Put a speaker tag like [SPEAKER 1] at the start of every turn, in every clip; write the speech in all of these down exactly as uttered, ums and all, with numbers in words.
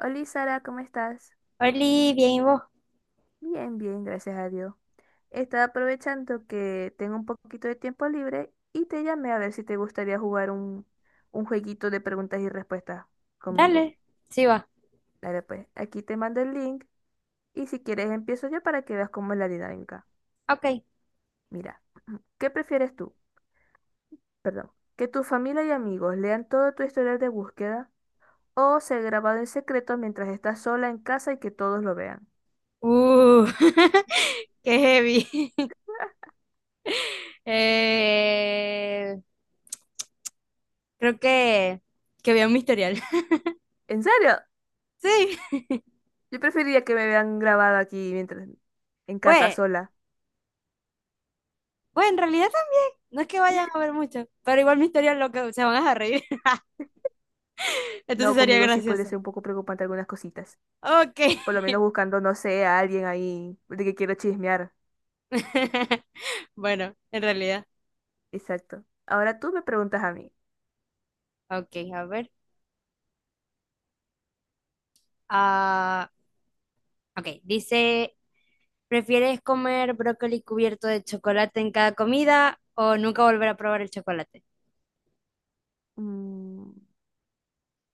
[SPEAKER 1] Hola Sara, ¿cómo estás?
[SPEAKER 2] Oli, bien, ¿y vos?
[SPEAKER 1] Bien, bien, gracias a Dios. Estaba aprovechando que tengo un poquito de tiempo libre y te llamé a ver si te gustaría jugar un, un jueguito de preguntas y respuestas conmigo.
[SPEAKER 2] Dale, sí va.
[SPEAKER 1] Dale pues, aquí te mando el link y si quieres empiezo yo para que veas cómo es la dinámica.
[SPEAKER 2] Ok.
[SPEAKER 1] Mira, ¿qué prefieres tú? Perdón, ¿que tu familia y amigos lean todo tu historial de búsqueda o ser grabado en secreto mientras estás sola en casa y que todos lo vean?
[SPEAKER 2] Uh, qué heavy. Eh, creo que, que vi un Misterial.
[SPEAKER 1] ¿En serio?
[SPEAKER 2] Sí,
[SPEAKER 1] Yo preferiría que me vean grabada aquí mientras en casa
[SPEAKER 2] pues,
[SPEAKER 1] sola.
[SPEAKER 2] pues en realidad también. No es que vayan a ver mucho, pero igual Misterial lo que se van a reír.
[SPEAKER 1] No,
[SPEAKER 2] Entonces sería
[SPEAKER 1] conmigo sí podría
[SPEAKER 2] gracioso.
[SPEAKER 1] ser un poco preocupante algunas cositas.
[SPEAKER 2] Ok.
[SPEAKER 1] Por lo menos buscando, no sé, a alguien ahí de que quiero chismear.
[SPEAKER 2] Bueno, en realidad.
[SPEAKER 1] Exacto. Ahora tú me preguntas a mí.
[SPEAKER 2] Ok, a ver. Ah, ok, dice ¿Prefieres comer brócoli cubierto de chocolate en cada comida o nunca volver a probar el chocolate?
[SPEAKER 1] Mm,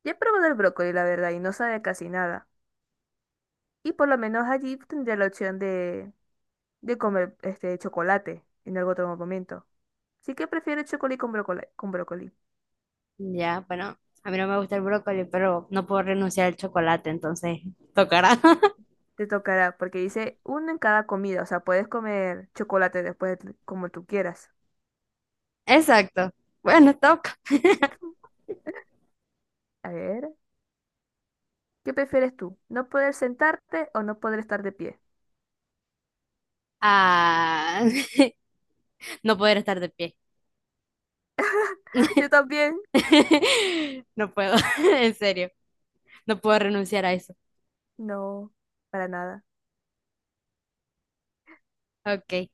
[SPEAKER 1] ya he probado el brócoli, la verdad, y no sabe casi nada. Y por lo menos allí tendría la opción de, de comer este chocolate en algún otro momento. Así que prefiero chocolate con brócoli, con brócoli.
[SPEAKER 2] Ya, bueno, a mí no me gusta el brócoli, pero no puedo renunciar al chocolate, entonces tocará.
[SPEAKER 1] Te tocará, porque dice uno en cada comida, o sea, puedes comer chocolate después de- como tú quieras.
[SPEAKER 2] Exacto. Bueno, toca.
[SPEAKER 1] A ver, ¿qué prefieres tú? ¿No poder sentarte o no poder estar de pie?
[SPEAKER 2] Ah, no poder estar de pie.
[SPEAKER 1] Yo también.
[SPEAKER 2] No puedo, en serio, no puedo renunciar a eso.
[SPEAKER 1] No, para nada.
[SPEAKER 2] Ok.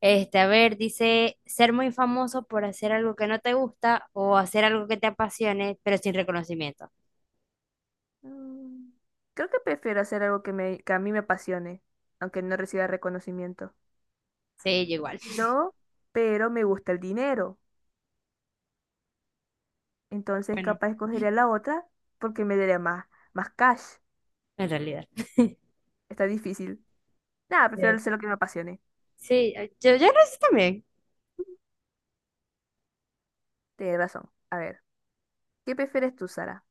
[SPEAKER 2] Este, a ver, dice, ser muy famoso por hacer algo que no te gusta o hacer algo que te apasione, pero sin reconocimiento.
[SPEAKER 1] Mm, Creo que prefiero hacer algo que me, que a mí me apasione, aunque no reciba reconocimiento.
[SPEAKER 2] Sí, yo igual.
[SPEAKER 1] No, pero me gusta el dinero. Entonces
[SPEAKER 2] Bueno,
[SPEAKER 1] capaz escogería la otra porque me daría más, más cash.
[SPEAKER 2] en realidad.
[SPEAKER 1] Está difícil. Nada, prefiero
[SPEAKER 2] Sí.
[SPEAKER 1] hacer lo que me apasione.
[SPEAKER 2] Sí, yo, yo lo hice también.
[SPEAKER 1] Tienes razón. A ver. ¿Qué prefieres tú, Sara?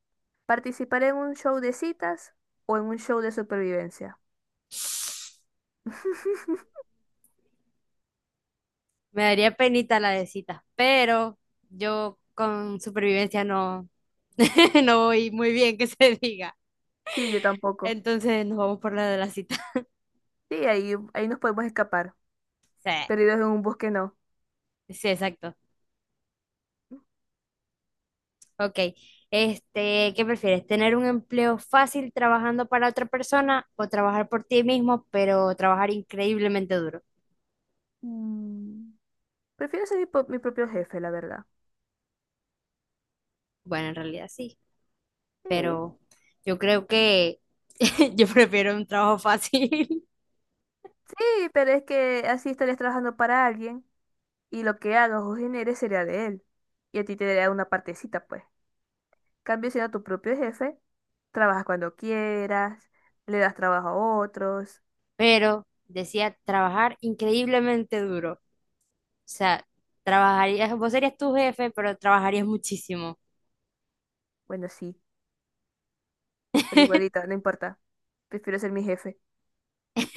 [SPEAKER 1] ¿Participar en un show de citas o en un show de supervivencia?
[SPEAKER 2] Me daría penita la de citas, pero yo con supervivencia no, no voy muy bien que se diga.
[SPEAKER 1] Sí, yo tampoco.
[SPEAKER 2] Entonces nos vamos por la de la cita.
[SPEAKER 1] Sí, ahí, ahí nos podemos escapar. Perdidos en un bosque, no.
[SPEAKER 2] Sí, sí, exacto. Ok. Este, ¿qué prefieres? ¿Tener un empleo fácil trabajando para otra persona o trabajar por ti mismo, pero trabajar increíblemente duro?
[SPEAKER 1] Mm, Prefiero ser mi, po- mi propio jefe, la verdad.
[SPEAKER 2] Bueno, en realidad sí,
[SPEAKER 1] Sí.
[SPEAKER 2] pero yo creo que yo prefiero un trabajo fácil.
[SPEAKER 1] Sí, pero es que así estarías trabajando para alguien y lo que hagas o generes sería de él. Y a ti te daría una partecita, pues. Cambio siendo tu propio jefe, trabajas cuando quieras, le das trabajo a otros.
[SPEAKER 2] Pero decía trabajar increíblemente duro. O sea, trabajarías, vos serías tu jefe, pero trabajarías muchísimo.
[SPEAKER 1] Bueno, sí, pero igualita, no importa. Prefiero ser mi jefe.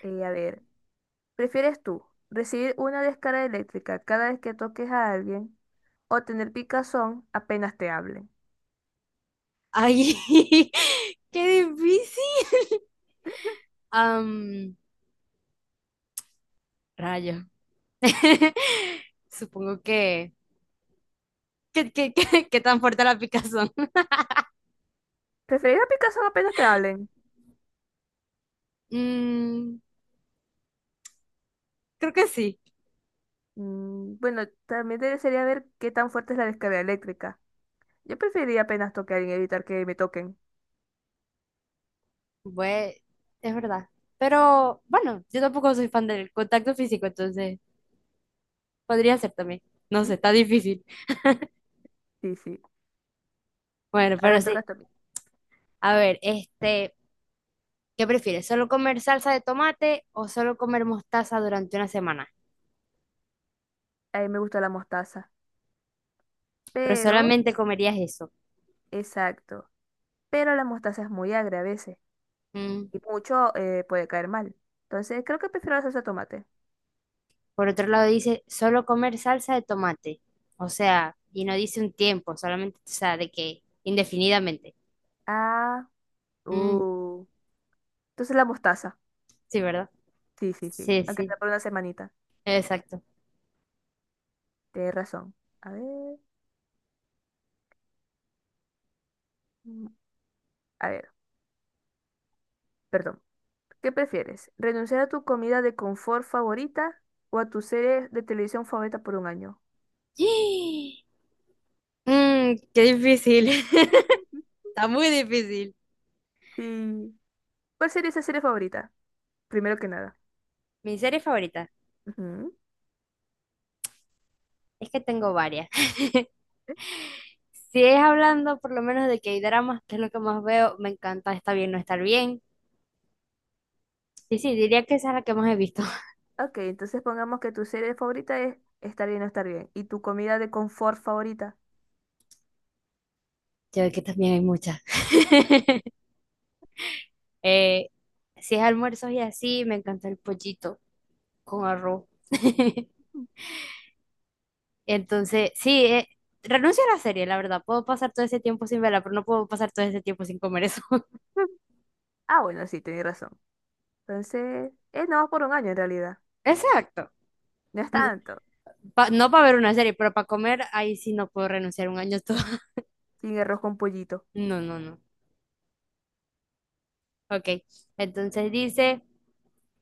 [SPEAKER 1] Eh, a ver, ¿prefieres tú recibir una descarga eléctrica cada vez que toques a alguien o tener picazón apenas te hablen?
[SPEAKER 2] Ay, qué difícil. Am, rayo. Supongo que, que, que, que- que tan fuerte la picazón.
[SPEAKER 1] ¿Preferir a picazón apenas te hablen?
[SPEAKER 2] Mm, creo que sí.
[SPEAKER 1] Mm, bueno, también te- sería ver qué tan fuerte es la descarga eléctrica. Yo preferiría apenas tocar a alguien, evitar que me toquen.
[SPEAKER 2] Bue- es verdad. Pero bueno, yo tampoco soy fan del contacto físico, entonces podría ser también. No sé,
[SPEAKER 1] Mm,
[SPEAKER 2] está difícil.
[SPEAKER 1] sí, sí.
[SPEAKER 2] Bueno,
[SPEAKER 1] Ahora
[SPEAKER 2] pero
[SPEAKER 1] me toca
[SPEAKER 2] sí.
[SPEAKER 1] esto a mí.
[SPEAKER 2] A ver, este, ¿qué prefieres? ¿Solo comer salsa de tomate o solo comer mostaza durante una semana?
[SPEAKER 1] A mí me gusta la mostaza.
[SPEAKER 2] Pero
[SPEAKER 1] Pero,
[SPEAKER 2] solamente comerías eso.
[SPEAKER 1] exacto. Pero la mostaza es muy agria a veces.
[SPEAKER 2] Mm.
[SPEAKER 1] Y mucho eh, puede caer mal. Entonces, creo que prefiero la salsa de tomate.
[SPEAKER 2] Por otro lado dice, solo comer salsa de tomate. O sea, y no dice un tiempo, solamente, o sea, de que indefinidamente.
[SPEAKER 1] Ah,
[SPEAKER 2] Mm.
[SPEAKER 1] uh. Entonces la mostaza.
[SPEAKER 2] Sí, ¿verdad?
[SPEAKER 1] Sí, sí, sí.
[SPEAKER 2] Sí,
[SPEAKER 1] Aunque
[SPEAKER 2] sí,
[SPEAKER 1] sea por una semanita.
[SPEAKER 2] exacto.
[SPEAKER 1] Tienes razón. A ver, mm, a ver, perdón. ¿Qué prefieres? ¿Renunciar a tu comida de confort favorita o a tu serie de televisión favorita por un año?
[SPEAKER 2] Mm, qué difícil. Está muy difícil.
[SPEAKER 1] Sí. ¿Cuál sería esa serie favorita? Primero que nada.
[SPEAKER 2] Mi serie favorita.
[SPEAKER 1] Ujú.
[SPEAKER 2] Es que tengo varias.
[SPEAKER 1] ¿Eh?
[SPEAKER 2] Si es hablando por lo menos de K-dramas, que es lo que más veo, me encanta Está bien no estar bien. Sí, sí, diría que esa es la que más he visto.
[SPEAKER 1] Ok, entonces pongamos que tu serie favorita es Estar bien o estar bien. ¿Y tu comida de confort favorita?
[SPEAKER 2] Yo de que también hay muchas. Eh, si es almuerzos y así, me encanta el pollito con arroz. Entonces, sí, eh, renuncio a la serie, la verdad. Puedo pasar todo ese tiempo sin verla, pero no puedo pasar todo ese tiempo sin comer eso.
[SPEAKER 1] Ah, bueno, sí, tenés razón. Entonces, es nada más por un año en realidad.
[SPEAKER 2] Exacto.
[SPEAKER 1] No es
[SPEAKER 2] N-
[SPEAKER 1] tanto.
[SPEAKER 2] pa- No para ver una serie, pero para comer, ahí sí no puedo renunciar un año todo.
[SPEAKER 1] Sin arroz con pollito.
[SPEAKER 2] No, no, no. Ok. Entonces dice.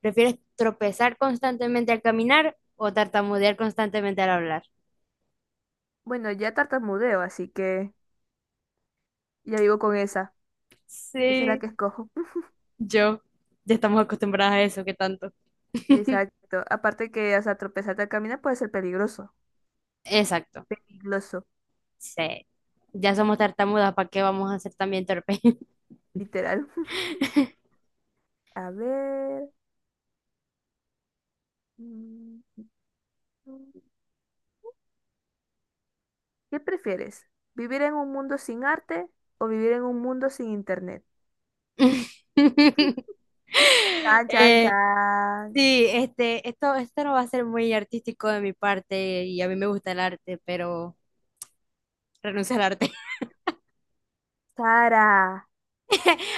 [SPEAKER 2] ¿Prefieres tropezar constantemente al caminar o tartamudear constantemente al hablar?
[SPEAKER 1] Bueno, ya tartamudeo, así que ya vivo con esa. Esa es la
[SPEAKER 2] Sí,
[SPEAKER 1] que escojo.
[SPEAKER 2] yo. Ya estamos acostumbradas a eso, ¿qué tanto?
[SPEAKER 1] Exacto. Aparte que, o sea, tropezarte al caminar puede ser peligroso.
[SPEAKER 2] Exacto.
[SPEAKER 1] Peligroso,
[SPEAKER 2] Sí. Ya somos tartamudas, ¿para qué vamos a ser también torpes?
[SPEAKER 1] literal. A ver. Mm, mm. ¿Qué prefieres? ¿Vivir en un mundo sin arte o vivir en un mundo sin internet? Chan, chan,
[SPEAKER 2] Eh,
[SPEAKER 1] chan.
[SPEAKER 2] sí, este, esto, esto no va a ser muy artístico de mi parte y a mí me gusta el arte, pero renuncio al arte.
[SPEAKER 1] Sara.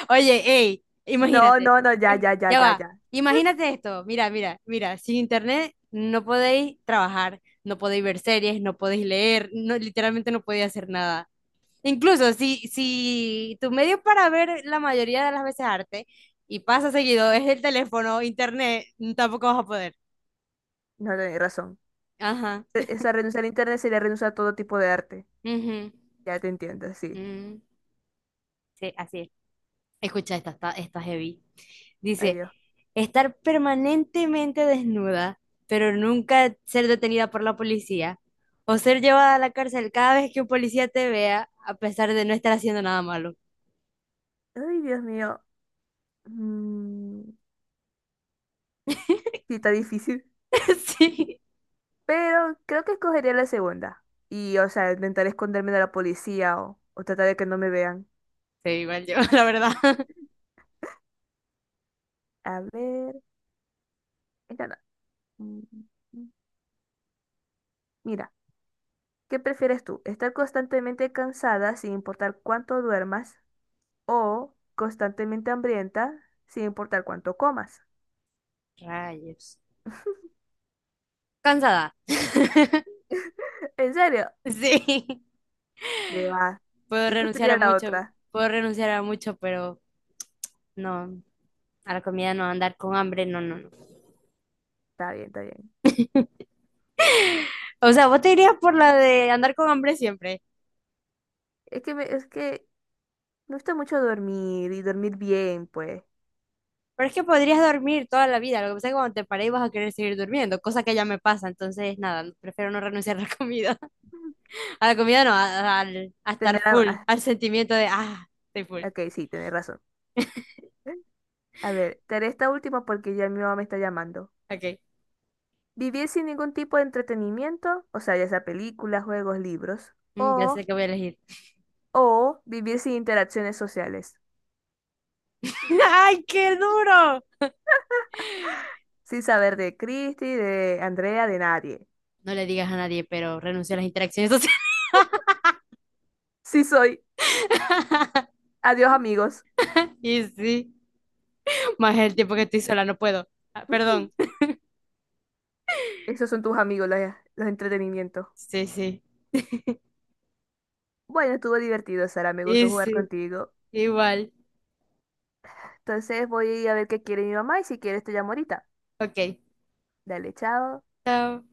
[SPEAKER 2] Oye, ey,
[SPEAKER 1] No,
[SPEAKER 2] imagínate.
[SPEAKER 1] no, no, ya,
[SPEAKER 2] Im-
[SPEAKER 1] ya, ya,
[SPEAKER 2] Ya
[SPEAKER 1] ya,
[SPEAKER 2] va.
[SPEAKER 1] ya.
[SPEAKER 2] Imagínate esto. Mira, mira, mira. Sin internet no podéis trabajar, no podéis ver series, no podéis leer, no, literalmente no podéis hacer nada. Incluso si, si tu medio para ver la mayoría de las veces arte y pasa seguido es el teléfono, internet, tampoco vas a poder.
[SPEAKER 1] No, tenés razón.
[SPEAKER 2] Ajá.
[SPEAKER 1] Re- O sea, renunciar a internet sería renunciar a todo tipo de arte.
[SPEAKER 2] Ujú,
[SPEAKER 1] Ya te entiendo, sí.
[SPEAKER 2] mm, sí, así es. Escucha, esta está, está heavy.
[SPEAKER 1] Ay,
[SPEAKER 2] Dice,
[SPEAKER 1] Dios.
[SPEAKER 2] estar permanentemente desnuda, pero nunca ser detenida por la policía, o ser llevada a la cárcel cada vez que un policía te vea, a pesar de no estar haciendo nada malo.
[SPEAKER 1] Ay, Dios mío. Mm, sí, está difícil.
[SPEAKER 2] Sí,
[SPEAKER 1] Pero creo que escogería la segunda. Y, o sea, intentar esconderme de la policía o, o tratar de que no me vean.
[SPEAKER 2] sí, igual yo, la verdad.
[SPEAKER 1] A ver. Esta no. Mm, mm. Mira, ¿qué prefieres tú? ¿Estar constantemente cansada sin importar cuánto duermas? ¿O constantemente hambrienta sin importar cuánto comas?
[SPEAKER 2] Rayos. Cansada.
[SPEAKER 1] ¿En serio?
[SPEAKER 2] Sí.
[SPEAKER 1] ¿Qué va?
[SPEAKER 2] Puedo
[SPEAKER 1] Yo
[SPEAKER 2] renunciar a
[SPEAKER 1] preferiría la
[SPEAKER 2] mucho,
[SPEAKER 1] otra.
[SPEAKER 2] puedo renunciar a mucho, pero no, a la comida no, andar con hambre, no, no, no.
[SPEAKER 1] Está bien, está bien.
[SPEAKER 2] O sea, vos te irías por la de andar con hambre siempre.
[SPEAKER 1] Es que, me- es que me gusta mucho dormir y dormir bien, pues.
[SPEAKER 2] Pero es que podrías dormir toda la vida. Lo que pasa es que cuando te pares vas a querer seguir durmiendo, cosa que ya me pasa. Entonces, nada, prefiero no renunciar a la comida. A la comida no, a, al- a estar
[SPEAKER 1] Tener a,
[SPEAKER 2] full,
[SPEAKER 1] ah,
[SPEAKER 2] al sentimiento de, ah, estoy full.
[SPEAKER 1] ok, sí, tenés razón. A ver, te haré esta última porque ya mi mamá me está llamando.
[SPEAKER 2] Ok,
[SPEAKER 1] Vivir sin ningún tipo de entretenimiento, o sea, ya sea películas, juegos, libros,
[SPEAKER 2] mm, ya sé
[SPEAKER 1] o,
[SPEAKER 2] que voy a elegir.
[SPEAKER 1] o vivir sin interacciones sociales,
[SPEAKER 2] ¡Ay, qué duro!
[SPEAKER 1] sin saber de Cristi, de Andrea, de nadie.
[SPEAKER 2] No le digas a nadie, pero renuncio a las interacciones sociales.
[SPEAKER 1] Sí soy. Adiós, amigos.
[SPEAKER 2] Y sí, más el tiempo que estoy sola, no puedo. Ah, perdón.
[SPEAKER 1] Esos son tus amigos, los, los entretenimientos.
[SPEAKER 2] Sí, sí.
[SPEAKER 1] Bueno, estuvo divertido, Sara. Me gustó
[SPEAKER 2] Y
[SPEAKER 1] jugar
[SPEAKER 2] sí,
[SPEAKER 1] contigo.
[SPEAKER 2] igual.
[SPEAKER 1] Entonces voy a ver qué quiere mi mamá y si quieres te llamo ahorita.
[SPEAKER 2] Ok,
[SPEAKER 1] Dale, chao.
[SPEAKER 2] chao.